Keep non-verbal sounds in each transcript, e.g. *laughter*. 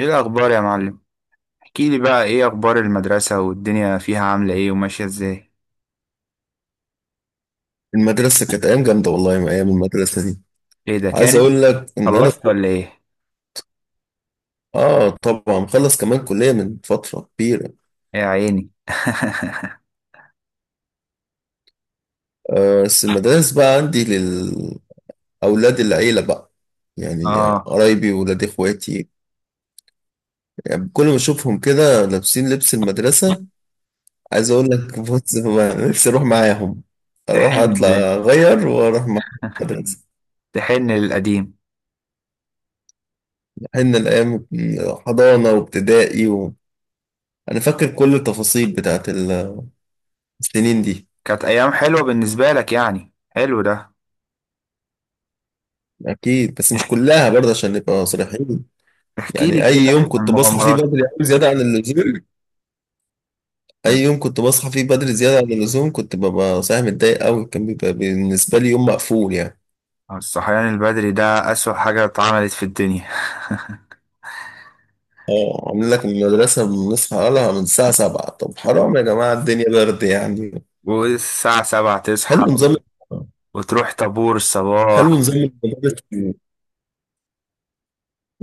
ايه الاخبار يا معلم؟ احكي لي بقى ايه اخبار المدرسة والدنيا فيها عاملة ايه وماشية ازاي؟ المدرسة كانت أيام جامدة والله من أيام المدرسة دي. ايه ده، عايز كان أقول لك إن أنا خلصت ولا ايه؟ آه طبعا مخلص كمان كلية من فترة كبيرة. يا عيني. *laughs* آه، بس المدارس بقى عندي للأولاد. العيلة بقى، يعني اه. قرايبي وولاد إخواتي. يعني كل ما أشوفهم كده لابسين لبس المدرسة عايز أقول لك *laughs* بص نفسي أروح معاهم، أروح تحن، أطلع أغير وأروح مع المدرسة. تحن للقديم. إحنا الأيام حضانة وابتدائي أنا فاكر كل التفاصيل بتاعت السنين دي. كانت ايام حلوة بالنسبة لك يعني؟ حلو ده. أكيد بس مش كلها برضه عشان نبقى صريحين. احكي لي يعني أي كده يوم عن كنت بصحى فيه المغامرات. بدري أوي زيادة عن اللزوم، أي يوم كنت بصحى فيه بدري زيادة عن اللزوم كنت ببقى صايح متضايق أوي، كان بيبقى بالنسبة لي يوم مقفول يعني. الصحيان البدري ده اسوأ حاجة اتعملت في الدنيا. اه عاملين لك المدرسة بنصحى لها من الساعة 7، طب حرام يا جماعة الدنيا برد يعني. *laughs* والساعة 7 تصحى حلو نظام. وتروح طابور حلو الصباح. نظام المدارس.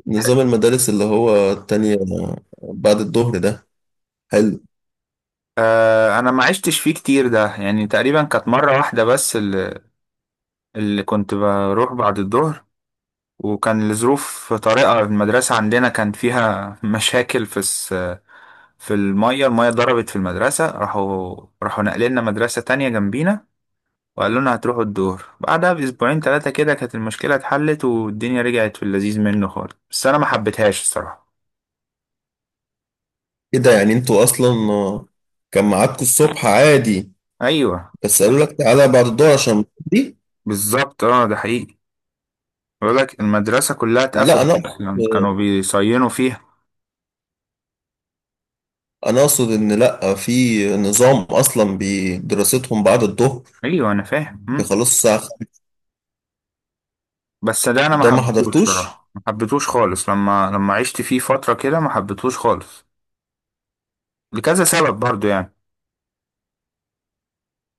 نظام المدارس اللي هو التانية بعد الظهر ده حلو. آه، انا ما عشتش فيه كتير ده، يعني تقريبا كانت مرة واحدة بس اللي كنت بروح بعد الظهر، وكان لظروف طارئة. المدرسة عندنا كان فيها *laughs* مشاكل في في المية المية ضربت في المدرسة، راحوا نقلنا مدرسة تانية جنبينا، وقالوا لنا هتروحوا الظهر. بعدها بأسبوعين ثلاثة كده كانت المشكلة اتحلت والدنيا رجعت في اللذيذ منه خالص، بس أنا ما حبيتهاش الصراحة. إيه ده؟ يعني أنتوا أصلا كان ميعادكم الصبح عادي أيوه بس قالوا لك تعالى بعد الدور عشان دي؟ بالظبط، اه ده حقيقي. بقول لك المدرسة كلها لا انا اتقفلت، أصلا اقصد كانوا بيصينوا فيها. انا اقصد ان لا في نظام اصلا بدراستهم بعد الظهر، أيوه أنا فاهم. بيخلصوا الساعه 5؟ بس ده انا ما ده ما حبيتهوش حضرتوش؟ صراحه، ما حبيتهوش خالص لما لما عشت فيه فتره كده ما حبيتهوش خالص لكذا سبب برضو يعني.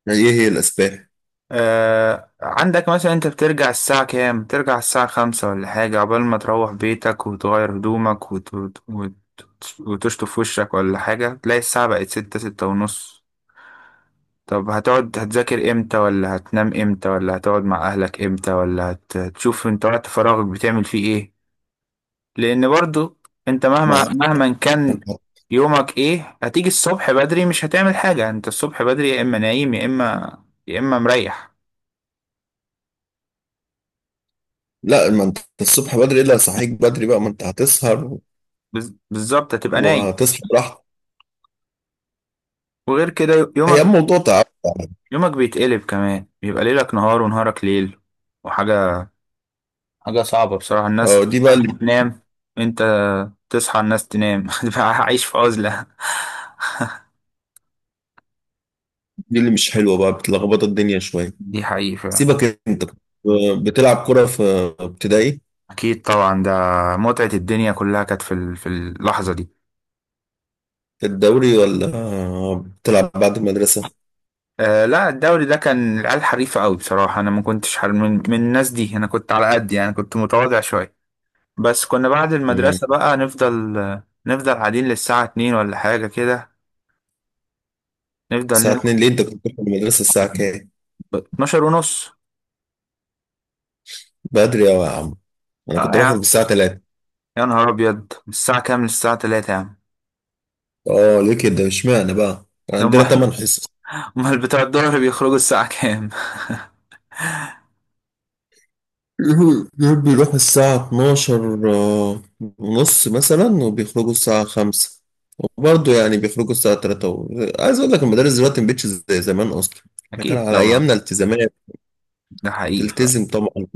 يعني ايه هي الاسباب؟ آه، عندك مثلا انت بترجع الساعه كام؟ ترجع الساعه 5 ولا حاجه، عقبال ما تروح بيتك وتغير هدومك وتشطف وشك ولا حاجه، تلاقي الساعه بقت ستة ستة ونص. طب هتقعد هتذاكر امتى؟ ولا هتنام امتى؟ ولا هتقعد مع اهلك امتى؟ ولا هتشوف انت وقت فراغك بتعمل فيه ايه؟ لان برضو انت، مهما ما مهما كان أنت- يومك ايه، هتيجي الصبح بدري مش هتعمل حاجة. انت الصبح بدري يا اما نايم يا اما، يا اما مريح. لا ما انت الصبح بدري الا صحيك بدري بقى، ما انت هتسهر بالظبط، هتبقى نايم وهتصحى براحتك. وغير كده. هي يومك، الموضوع تعب يعني. يومك بيتقلب كمان، بيبقى ليلك نهار ونهارك ليل، وحاجة حاجة صعبة بصراحة. الناس اه دي بقى اللي، تنام انت تصحى، الناس تنام، *laughs* تبقى عايش في عزلة. دي اللي مش حلوه بقى، بتلخبط الدنيا شويه. دي حقيقة فعلا. سيبك انت. بتلعب كره في ابتدائي، اكيد طبعا، ده متعة الدنيا كلها كانت في اللحظة دي. في الدوري ولا بتلعب بعد المدرسه؟ آه لا، الدوري ده كان العيال حريفة قوي بصراحة، أنا ما كنتش حر من الناس دي، أنا كنت على قد يعني، كنت متواضع شوية. بس كنا بعد مم. المدرسة بقى نفضل، نفضل قاعدين للساعة 2 ولا حاجة كده، نفضل الساعة نلعب. 2؟ ليه انت كنت بتروح المدرسة الساعة كام؟ 12:30. بدري أوي يا عم، انا اه كنت يا بخرج الساعة عم، 3. يا نهار أبيض. من الساعة كام للساعة 3 يا عم؟ اه ليه كده اشمعنى بقى؟ كان عندنا هما، 8 حصص. هما *laughs* بتوع الظهر بيخرجوا الساعة كام؟ *laughs* دول بيروحوا الساعة 12 ونص مثلا، وبيخرجوا الساعة 5، وبرضه يعني بيخرجوا الساعة 3 عايز أقول لك المدارس دلوقتي مبقتش زي زمان أصلا. *laughs* احنا كان أكيد على طبعا، أيامنا التزامات، ده حقيقي فعلا. تلتزم طبعا،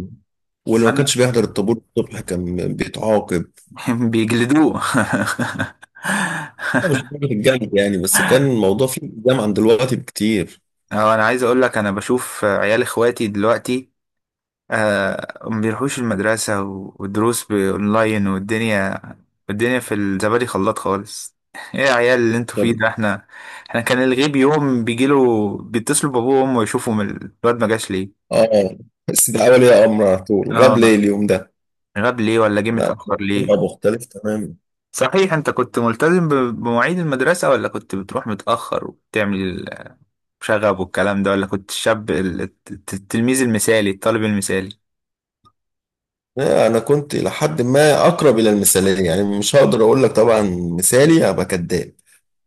واللي ما أنا كانش بيحضر الطابور الصبح كان بيتعاقب. *laughs* بيجلدوه. *laughs* لا، مش درجة الجامد يعني، بس كان الموضوع فيه التزام عن دلوقتي بكتير. اه، انا عايز اقول لك، انا بشوف عيال اخواتي دلوقتي آه، ما بيروحوش المدرسة، والدروس بأونلاين، والدنيا في الزبادي خلاط خالص. *laughs* ايه يا عيال اللي انتوا طب فيه ده؟ احنا، احنا كان الغيب يوم بيجيله بيتصلوا بابوه وامه يشوفوا من الواد ما جاش ليه. اه بس ده اول يا امر على طول غاب ليه اه، اليوم ده؟ غاب ليه، ولا جه لا متأخر ليه. بيبقى مختلف تماما. صحيح، انت كنت ملتزم بمواعيد المدرسة؟ ولا كنت بتروح متأخر وبتعمل شغب والكلام ده؟ ولا كنت الشاب التلميذ المثالي، الطالب المثالي؟ لا، انا كنت لحد ما اقرب الى المثاليه يعني، مش هقدر اقول لك طبعا مثالي هبقى كداب.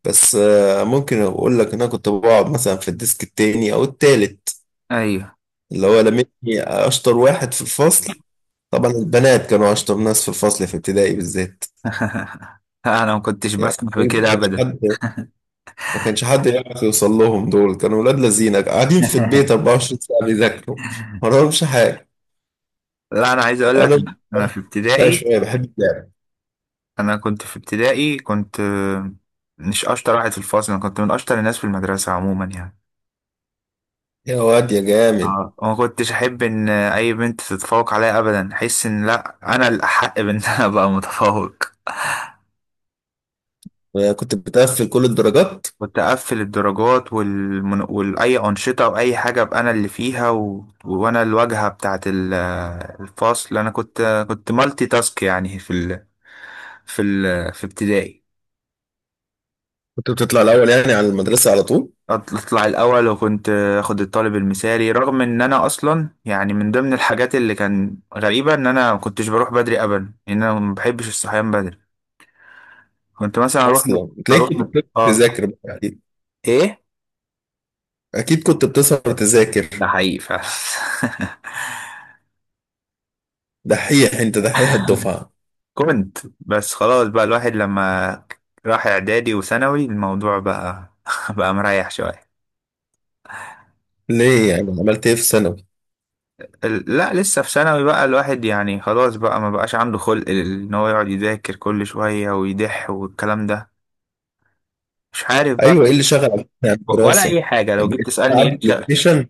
بس ممكن اقول لك ان انا كنت بقعد مثلا في الديسك التاني او التالت ايوه، اللي هو لمني اشطر واحد في الفصل. طبعا البنات كانوا اشطر ناس في الفصل في ابتدائي بالذات. انا ما كنتش يعني بسمح بكده مش ابدا. حد ما كانش حد يعرف يوصل لهم، دول كانوا ولاد لذينه قاعدين في البيت *laughs* 24 ساعة بيذاكروا، ما وراهمش حاجة. لا، انا عايز اقول لك، أنا أنا في شاي ابتدائي، شوية بحب اللعب. انا كنت في ابتدائي كنت آه، مش اشطر واحد في الفصل، انا كنت من اشطر الناس في المدرسه عموما يعني. يا واد يا جامد، اه، وما كنتش احب ان اي بنت تتفوق عليا ابدا، احس ان لا، انا الاحق بان انا *laughs* ابقى متفوق. أنا كنت بتقفل كل الدرجات. كنت اقفل الدرجات واي انشطه، واي حاجه ابقى انا اللي فيها، وانا الواجهه بتاعه الفصل. انا كنت كنت مالتي تاسك يعني في ابتدائي. كنت بتطلع الأول يعني على المدرسة على طول. اطلع الاول، وكنت اخد الطالب المثالي. رغم ان انا اصلا يعني من ضمن الحاجات اللي كان غريبه ان انا ما كنتش بروح بدري ابدا، ان انا ما بحبش الصحيان بدري. كنت مثلا أصلا تلاقيك كنت بتقدر اه، تذاكر بقى. أكيد. ايه. أكيد كنت بتسهر تذاكر. ده حقيقي فعلا. دحيح أنت، دحيح *laughs* الدفعة. كنت بس، خلاص بقى الواحد لما راح اعدادي وثانوي الموضوع بقى *laughs* بقى مريح شويه. ليه يعني عملت إيه في ثانوي؟ لا، لسه في ثانوي بقى الواحد يعني خلاص بقى، ما بقاش عنده خلق ان هو يقعد يذاكر كل شويه ويدح والكلام ده، مش عارف أيوه، إيه اللي بقى شغل على ولا الدراسة؟ اي حاجه. لو جيت بقيت تسالني ايه تلعب بلاي الشغل؟ ستيشن؟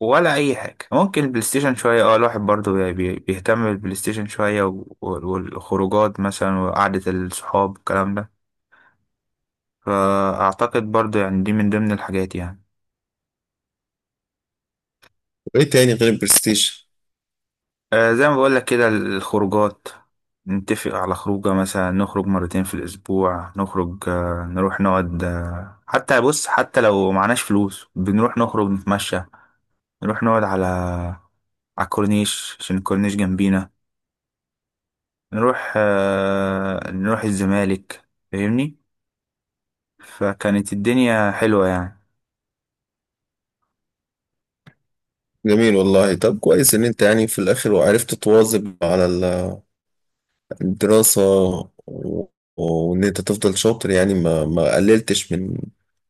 ولا اي حاجه، ممكن البلاي ستيشن شويه. اه، الواحد برضو بيهتم بالبلاي ستيشن شويه، والخروجات مثلا، وقعده الصحاب، الكلام ده. فاعتقد برضو يعني دي من ضمن الحاجات يعني. وإيه تاني غير البلاي ستيشن؟ آه زي ما بقول لك كده، الخروجات نتفق على خروجه، مثلا نخرج مرتين في الاسبوع، نخرج آه، نروح نقعد آه، حتى بص، حتى لو معناش فلوس بنروح نخرج نتمشى، نروح نقعد على، على الكورنيش، عشان الكورنيش جنبينا، نروح آه، نروح الزمالك. فاهمني؟ فكانت الدنيا حلوة يعني. جميل والله. طب كويس ان انت يعني في الاخر وعرفت تواظب على الدراسة و- وان انت تفضل شاطر، يعني ما قللتش من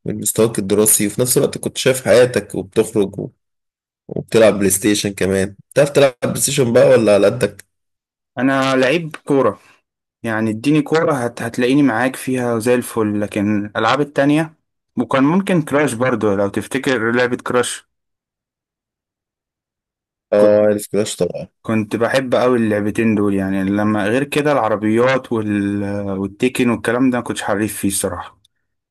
مستواك الدراسي، وفي نفس الوقت كنت شايف حياتك وبتخرج وبتلعب بلاي ستيشن كمان. بتعرف تلعب بلاي ستيشن بقى ولا على قدك؟ انا لعيب كورة يعني، اديني كورة هتلاقيني معاك فيها زي الفل، لكن الالعاب التانية. وكان ممكن كراش برضو، لو تفتكر لعبة كراش. كنت اه عارف كلاش طبعا. كنت بحب قوي اللعبتين دول يعني، لما غير كده العربيات والتيكن والكلام ده ما كنتش حريف فيه الصراحة.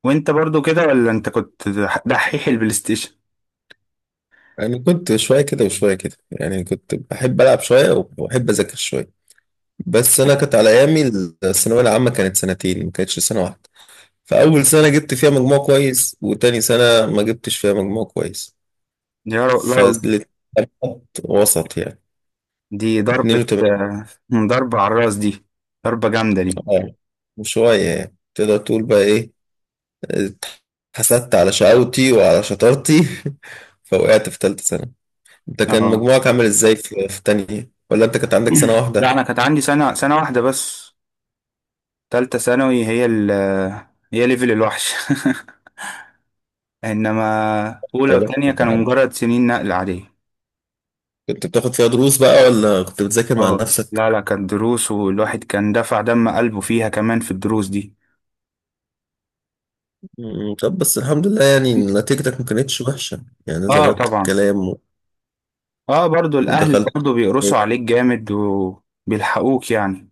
وانت برضو كده، ولا انت كنت دحيح البلاي ستيشن؟ يعني كنت شوية كده وشوية كده، يعني كنت بحب ألعب شوية وبحب أذاكر شوية. بس أنا كانت على أيامي الثانوية العامة كانت سنتين، ما كانتش سنة واحدة. فأول سنة جبت فيها مجموع كويس، وتاني سنة ما جبتش فيها مجموع كويس. يا رب لا. فالاتنين وسط يعني. دي ضربة، 82. آه، ضربة على الراس دي، ضربة جامدة دي. اه، وشوية يعني تقدر تقول بقى إيه، اتحسدت على شقاوتي وعلى شطارتي. *laughs* فوقعت في تالتة سنة. أنت كان اه مجموعك عامل إزاي في تانية، ولا أنت كانت عندك سنة لا، واحدة؟ انا كانت عندي سنة سنة واحدة بس. تالتة ثانوي هي ال آه، هي ليفل الوحش. *laughs* انما اولى يا وثانية بختك كانوا يا عم. مجرد سنين نقل عادية. كنت بتاخد فيها دروس بقى ولا كنت بتذاكر مع اه نفسك؟ لا لا، كانت دروس، والواحد كان دفع دم قلبه فيها كمان في الدروس دي. طب بس الحمد لله، يعني نتيجتك ما كانتش وحشة يعني، اه ظبطت طبعا، الكلام اه برضو الاهل ودخلت برضو بيقرصوا عليك جامد وبيلحقوك يعني.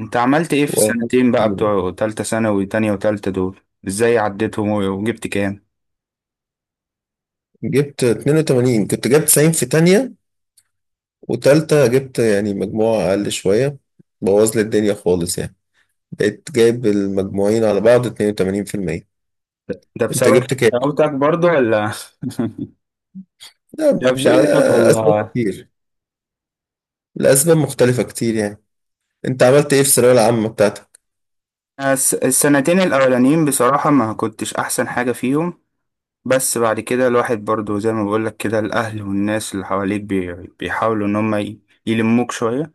انت عملت ايه في و- السنتين بقى، بتوع تالتة ثانوي، تانية وتالتة دول؟ ازاي عديتهم وجبت كام؟ جبت 82. كنت جبت 90 في تانية، وتالتة جبت يعني مجموعة أقل شوية، بوظ لي الدنيا خالص يعني. بقيت جايب المجموعين على بعض 82%. ده أنت بسبب جبت كام؟ شقاوتك برضو، ولا لا *laughs* ده بشقاوتك أسباب ولا؟ كتير. الأسباب مختلفة كتير يعني. أنت عملت إيه في الثانوية العامة بتاعتك؟ الس- السنتين الاولانيين بصراحة ما كنتش احسن حاجة فيهم، بس بعد كده الواحد برضو زي ما بقولك كده، الاهل والناس اللي حواليك بيحاولوا ان هم يلموك شوية.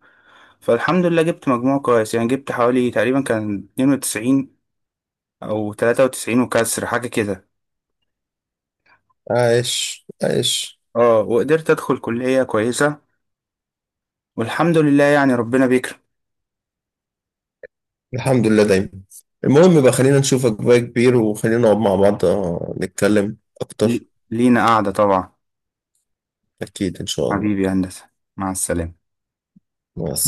فالحمد لله جبت مجموع كويس يعني، جبت حوالي تقريبا كان 92 او 93 وكسر حاجة كده. عايش عايش. اه، وقدرت ادخل كلية كويسة، والحمد لله يعني، ربنا بيكرم. الحمد لله دايما. المهم بقى خلينا نشوفك بقى كبير، وخلينا نقعد مع بعض نتكلم أكتر. لي- لينا قعدة طبعا. أكيد إن شاء الله. حبيبي يا هندسة، مع السلامة. مع السلامة.